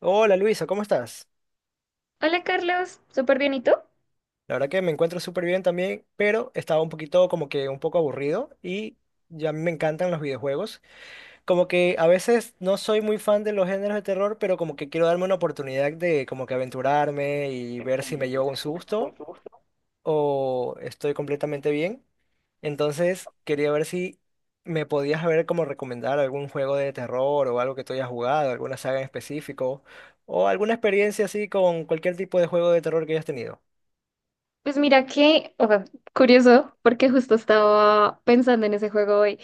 Hola Luisa, ¿cómo estás? Hola Carlos, súper bien, ¿y tú? La verdad que me encuentro súper bien también, pero estaba un poquito como que un poco aburrido y ya a mí me encantan los videojuegos. Como que a veces no soy muy fan de los géneros de terror, pero como que quiero darme una oportunidad de como que aventurarme y ver si me llevo un susto o estoy completamente bien. Entonces quería ver si me podías ver como recomendar algún juego de terror o algo que tú hayas jugado, alguna saga en específico o alguna experiencia así con cualquier tipo de juego de terror que hayas tenido. Pues mira que, o sea, curioso, porque justo estaba pensando en ese juego hoy.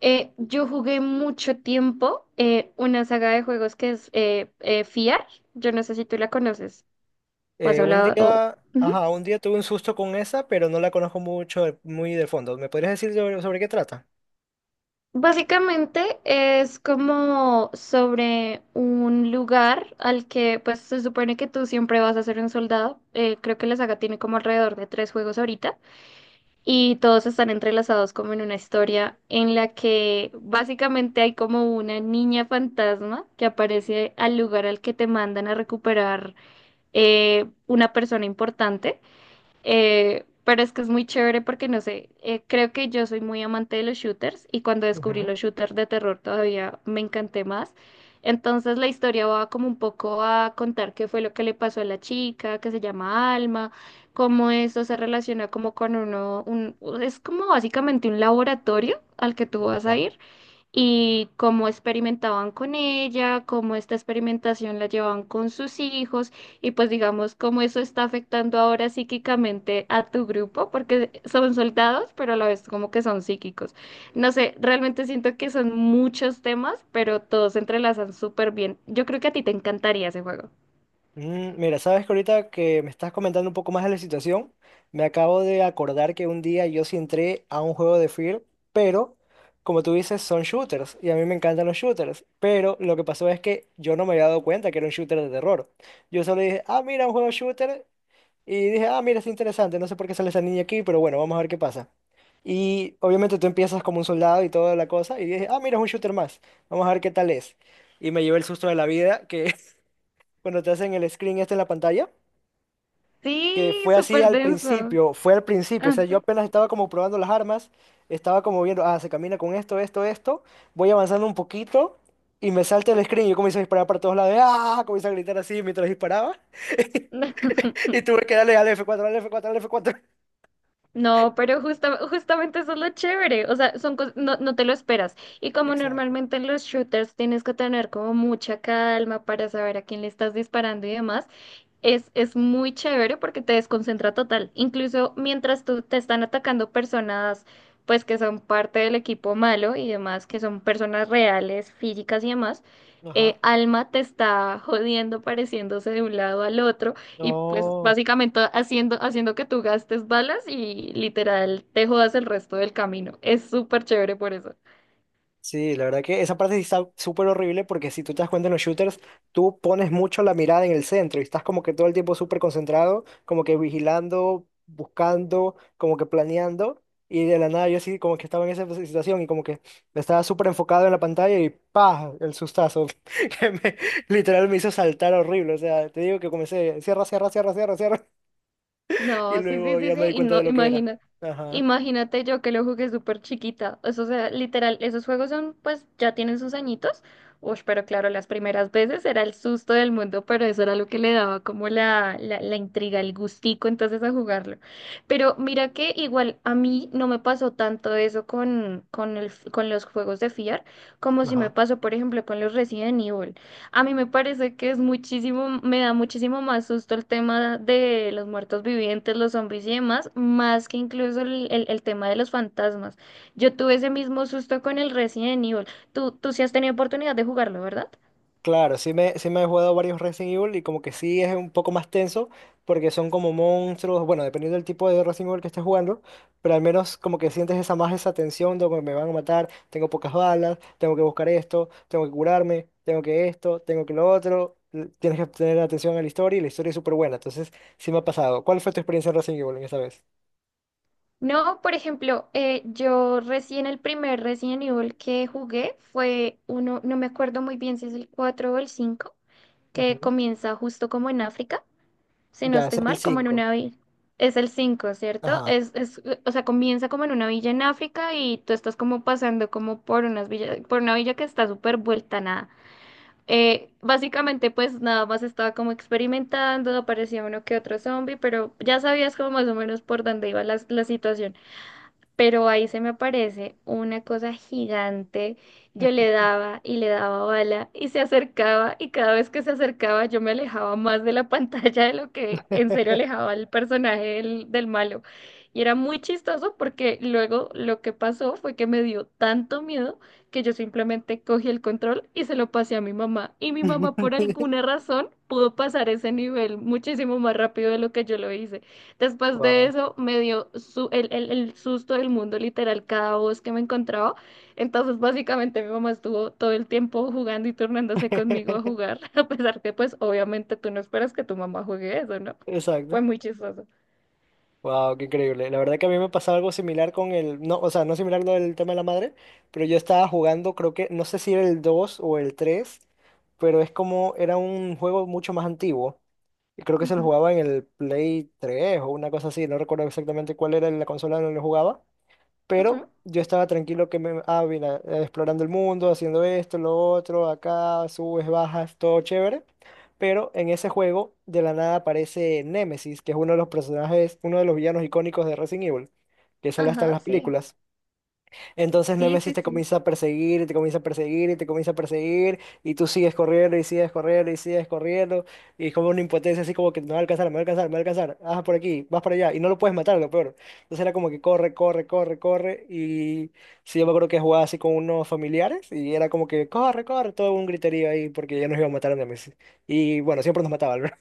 Yo jugué mucho tiempo una saga de juegos que es FIAR, yo no sé si tú la conoces o has Un hablado... o- día, Ujú. ajá, un día tuve un susto con esa, pero no la conozco mucho, de- muy de fondo. ¿Me podrías decir sobre qué trata? Básicamente es como sobre un lugar al que pues se supone que tú siempre vas a ser un soldado. Creo que la saga tiene como alrededor de tres juegos ahorita. Y todos están entrelazados como en una historia en la que básicamente hay como una niña fantasma que aparece al lugar al que te mandan a recuperar una persona importante. Pero es que es muy chévere porque no sé, creo que yo soy muy amante de los shooters y cuando descubrí Ujú. los shooters de terror todavía me encanté más. Entonces la historia va como un poco a contar qué fue lo que le pasó a la chica, que se llama Alma, cómo eso se relaciona como con un, es como básicamente un laboratorio al que tú vas a ir y cómo experimentaban con ella, cómo esta experimentación la llevaban con sus hijos y pues digamos cómo eso está afectando ahora psíquicamente a tu grupo, porque son soldados, pero a la vez como que son psíquicos. No sé, realmente siento que son muchos temas, pero todos se entrelazan súper bien. Yo creo que a ti te encantaría ese juego. Mira, sabes que ahorita que me estás comentando un poco más de la situación, me acabo de acordar que un día yo sí entré a un juego de Fear, pero como tú dices, son shooters y a mí me encantan los shooters, pero lo que pasó es que yo no me había dado cuenta que era un shooter de terror. Yo solo dije, ah, mira, un juego shooter y dije, ah, mira, es interesante, no sé por qué sale esa niña aquí, pero bueno, vamos a ver qué pasa. Y obviamente tú empiezas como un soldado y toda la cosa, y dije, ah, mira, es un shooter más, vamos a ver qué tal es. Y me llevé el susto de la vida, que cuando te hacen el screen este en la pantalla, que Sí, fue así súper al denso. principio, fue al principio, o sea, yo Ajá. apenas estaba como probando las armas, estaba como viendo, ah, se camina con esto, esto, esto, voy avanzando un poquito y me salta el screen y yo comienzo a disparar para todos lados, ah, comienzo a gritar así mientras disparaba y tuve que darle al F4, al F4, al f cuatro. No, pero justamente eso es lo chévere, o sea, son no, no te lo esperas. Y como Exacto. normalmente en los shooters tienes que tener como mucha calma para saber a quién le estás disparando y demás, es muy chévere porque te desconcentra total. Incluso mientras tú te están atacando personas, pues que son parte del equipo malo y demás, que son personas reales, físicas y demás, Ajá. Alma te está jodiendo, pareciéndose de un lado al otro y pues No. básicamente haciendo que tú gastes balas y literal te jodas el resto del camino. Es súper chévere por eso. Sí, la verdad que esa parte sí está súper horrible porque si tú te das cuenta en los shooters, tú pones mucho la mirada en el centro y estás como que todo el tiempo súper concentrado, como que vigilando, buscando, como que planeando. Y de la nada yo sí como que estaba en esa situación y como que estaba súper enfocado en la pantalla y ¡pah! El sustazo que me, literal me hizo saltar horrible. O sea, te digo que comencé, cierra, cierra, cierra, cierra, cierra. Y No, sí, sí, luego sí, ya sí, me di y cuenta de no, lo que era. imagina, Ajá. imagínate yo que lo jugué súper chiquita, eso, o sea, literal, esos juegos son, pues, ya tienen sus añitos, uy, pero claro, las primeras veces era el susto del mundo, pero eso era lo que le daba como la intriga, el gustico, entonces, a jugarlo, pero mira que igual a mí no me pasó tanto eso con los juegos de FIAR, como si me Ajá. pasó, por ejemplo, con los Resident Evil, a mí me parece que es muchísimo, me da muchísimo más susto el tema de los muertos vivientes, los zombies y demás, más que incluso el tema de los fantasmas. Yo tuve ese mismo susto con el Resident Evil. Tú sí has tenido oportunidad de jugarlo, ¿verdad? Claro, sí me he jugado varios Resident Evil y como que sí es un poco más tenso porque son como monstruos, bueno, dependiendo del tipo de Resident Evil que estés jugando, pero al menos como que sientes esa más esa tensión de que me van a matar, tengo pocas balas, tengo que buscar esto, tengo que curarme, tengo que esto, tengo que lo otro, l- tienes que tener atención a la historia y la historia es súper buena, entonces sí me ha pasado. ¿Cuál fue tu experiencia en Resident Evil en esta vez? No, por ejemplo, yo recién el primer Resident Evil que jugué fue uno, no me acuerdo muy bien si es el 4 o el 5, que Ujú. comienza justo como en África. Si no Ya, estoy ese es el mal, como en cinco. una villa. Es el cinco, ¿cierto? Ajá. O sea, comienza como en una villa en África y tú estás como pasando como por unas villas, por una villa que está súper vuelta a nada. Básicamente, pues nada más estaba como experimentando, aparecía uno que otro zombie, pero ya sabías como más o menos por dónde iba la situación, pero ahí se me aparece una cosa gigante. Yo le daba y le daba bala y se acercaba y cada vez que se acercaba yo me alejaba más de la pantalla de lo que en serio alejaba al personaje del malo. Y era muy chistoso porque luego lo que pasó fue que me dio tanto miedo que yo simplemente cogí el control y se lo pasé a mi mamá. Y mi mamá por alguna razón pudo pasar ese nivel muchísimo más rápido de lo que yo lo hice. Después de Wow. eso me dio el susto del mundo, literal, cada voz que me encontraba. Entonces, básicamente, mi mamá estuvo todo el tiempo jugando y turnándose conmigo a jugar, a pesar que, pues, obviamente tú no esperas que tu mamá juegue eso, ¿no? Fue Exacto. muy chistoso. Wow, qué increíble. La verdad que a mí me pasaba algo similar con el, no, o sea, no similar lo del tema de la madre, pero yo estaba jugando, creo que, no sé si era el 2 o el 3, pero es como, era un juego mucho más antiguo. Y creo que se lo Ujú, jugaba en el Play 3 o una cosa así, no recuerdo exactamente cuál era la consola donde lo jugaba, ujú. pero yo estaba tranquilo que me, ah, mira, explorando el mundo, haciendo esto, lo otro, acá, subes, bajas, todo chévere. Pero en ese juego, de la nada aparece Nemesis, que es uno de los personajes, uno de los villanos icónicos de Resident Evil, que sale hasta en Ajá, las sí. películas. Entonces Sí, Nemesis sí, te sí. comienza a perseguir y te comienza a perseguir y te comienza a perseguir y tú sigues corriendo y sigues corriendo y sigues corriendo y es como una impotencia así como que me va a alcanzar, me va a alcanzar, me va a alcanzar, ah, por aquí, vas para allá y no lo puedes matar, lo peor. Entonces era como que corre, corre, corre, corre y sí, yo me acuerdo que jugaba así con unos familiares y era como que corre, corre, todo un griterío ahí porque ya nos iba a matar a Nemesis. Y bueno, siempre nos mataba, ¿verdad?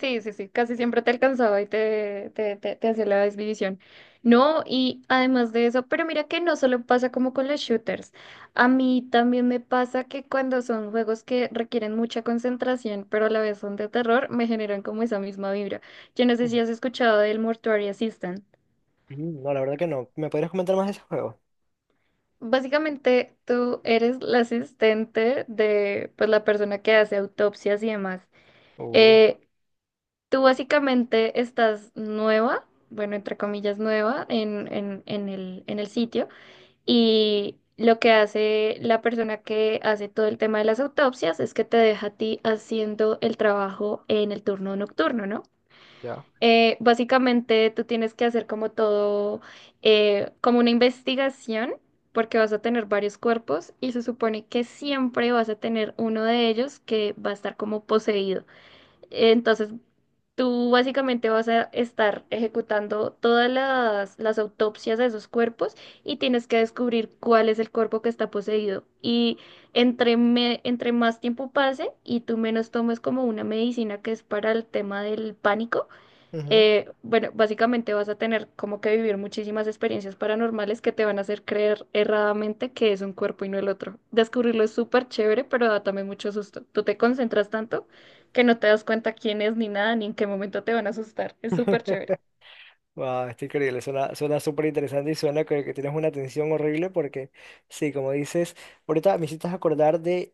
Sí, sí, sí, casi siempre te alcanzaba y te hacía la desvivisión. No, y además de eso, pero mira que no solo pasa como con los shooters. A mí también me pasa que cuando son juegos que requieren mucha concentración, pero a la vez son de terror, me generan como esa misma vibra. Yo no sé si has escuchado del Mortuary Assistant. Ujú, no, la verdad que no. ¿Me podrías comentar más de ese juego? Básicamente, tú eres la asistente de pues, la persona que hace autopsias y demás. Oh, Eh, Tú básicamente estás nueva, bueno, entre comillas nueva, en el sitio y lo que hace la persona que hace todo el tema de las autopsias es que te deja a ti haciendo el trabajo en el turno nocturno, ¿no? ya. Básicamente tú tienes que hacer como todo, como una investigación, porque vas a tener varios cuerpos y se supone que siempre vas a tener uno de ellos que va a estar como poseído. Entonces tú básicamente vas a estar ejecutando todas las autopsias de esos cuerpos y tienes que descubrir cuál es el cuerpo que está poseído. Y entre más tiempo pase y tú menos tomes como una medicina que es para el tema del pánico, Ujú. Bueno, básicamente vas a tener como que vivir muchísimas experiencias paranormales que te van a hacer creer erradamente que es un cuerpo y no el otro. Descubrirlo es súper chévere, pero da también mucho susto. Tú te concentras tanto que no te das cuenta quién es ni nada, ni en qué momento te van a asustar. Es súper chévere. Wow, está increíble, suena súper interesante y suena que tienes una tensión horrible porque, sí, como dices, ahorita me hiciste acordar de,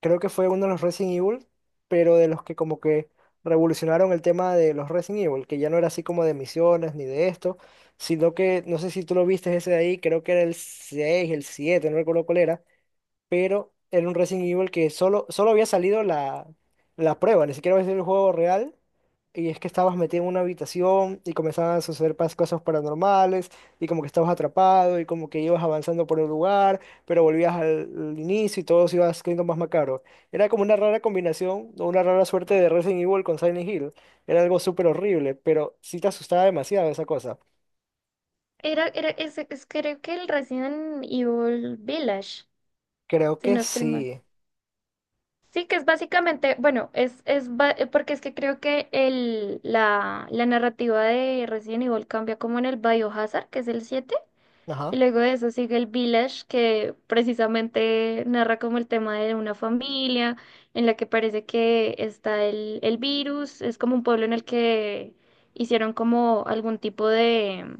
creo que fue uno de los Resident Evil, pero de los que como que revolucionaron el tema de los Resident Evil, que ya no era así como de misiones ni de esto, sino que, no sé si tú lo viste ese de ahí, creo que era el 6 el 7 no recuerdo cuál era, pero era un Resident Evil que solo había salido la prueba, ni siquiera había sido el juego real. Y es que estabas metido en una habitación y comenzaban a suceder pas- cosas paranormales y como que estabas atrapado y como que ibas avanzando por el lugar, pero volvías al inicio y todo se iba haciendo más macabro. Era como una rara combinación o una rara suerte de Resident Evil con Silent Hill. Era algo súper horrible, pero sí te asustaba demasiado esa cosa. Creo que el Resident Evil Village, Creo si que no estoy mal. sí. Sí, que es básicamente, bueno, porque es que creo que la narrativa de Resident Evil cambia como en el Biohazard, que es el siete. Y Ajá. luego de eso sigue el Village, que precisamente narra como el tema de una familia en la que parece que está el virus. Es como un pueblo en el que hicieron como algún tipo de...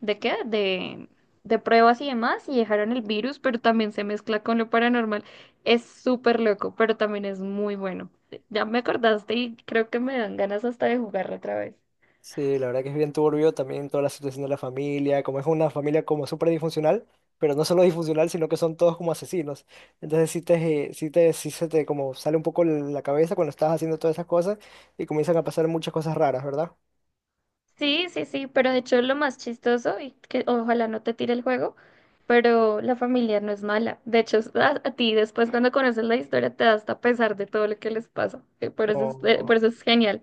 ¿De qué? De pruebas y demás y dejaron el virus, pero también se mezcla con lo paranormal. Es súper loco, pero también es muy bueno. Ya me acordaste y creo que me dan ganas hasta de jugarlo otra vez. Sí, la verdad que es bien turbio también toda la situación de la familia, como es una familia como súper disfuncional, pero no solo disfuncional, sino que son todos como asesinos. Entonces sí se te como sale un poco la cabeza cuando estás haciendo todas esas cosas y comienzan a pasar muchas cosas raras, ¿verdad? Sí, sí, sí, pero de hecho lo más chistoso, y que ojalá no te tire el juego, pero la familia no es mala. De hecho, a ti después cuando conoces la historia te da hasta pesar de todo lo que les pasa. No, no, Por eso es genial.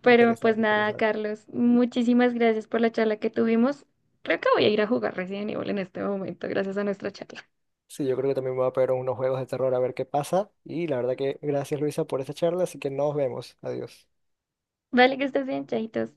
Pero pues interesante, nada, interesante. Carlos, muchísimas gracias por la charla que tuvimos. Creo que voy a ir a jugar Resident Evil en este momento, gracias a nuestra charla. Sí, yo creo que también me voy a pegar unos juegos de terror a ver qué pasa y la verdad que gracias Luisa por esta charla, así que nos vemos, adiós. Vale, que estés bien, chaitos.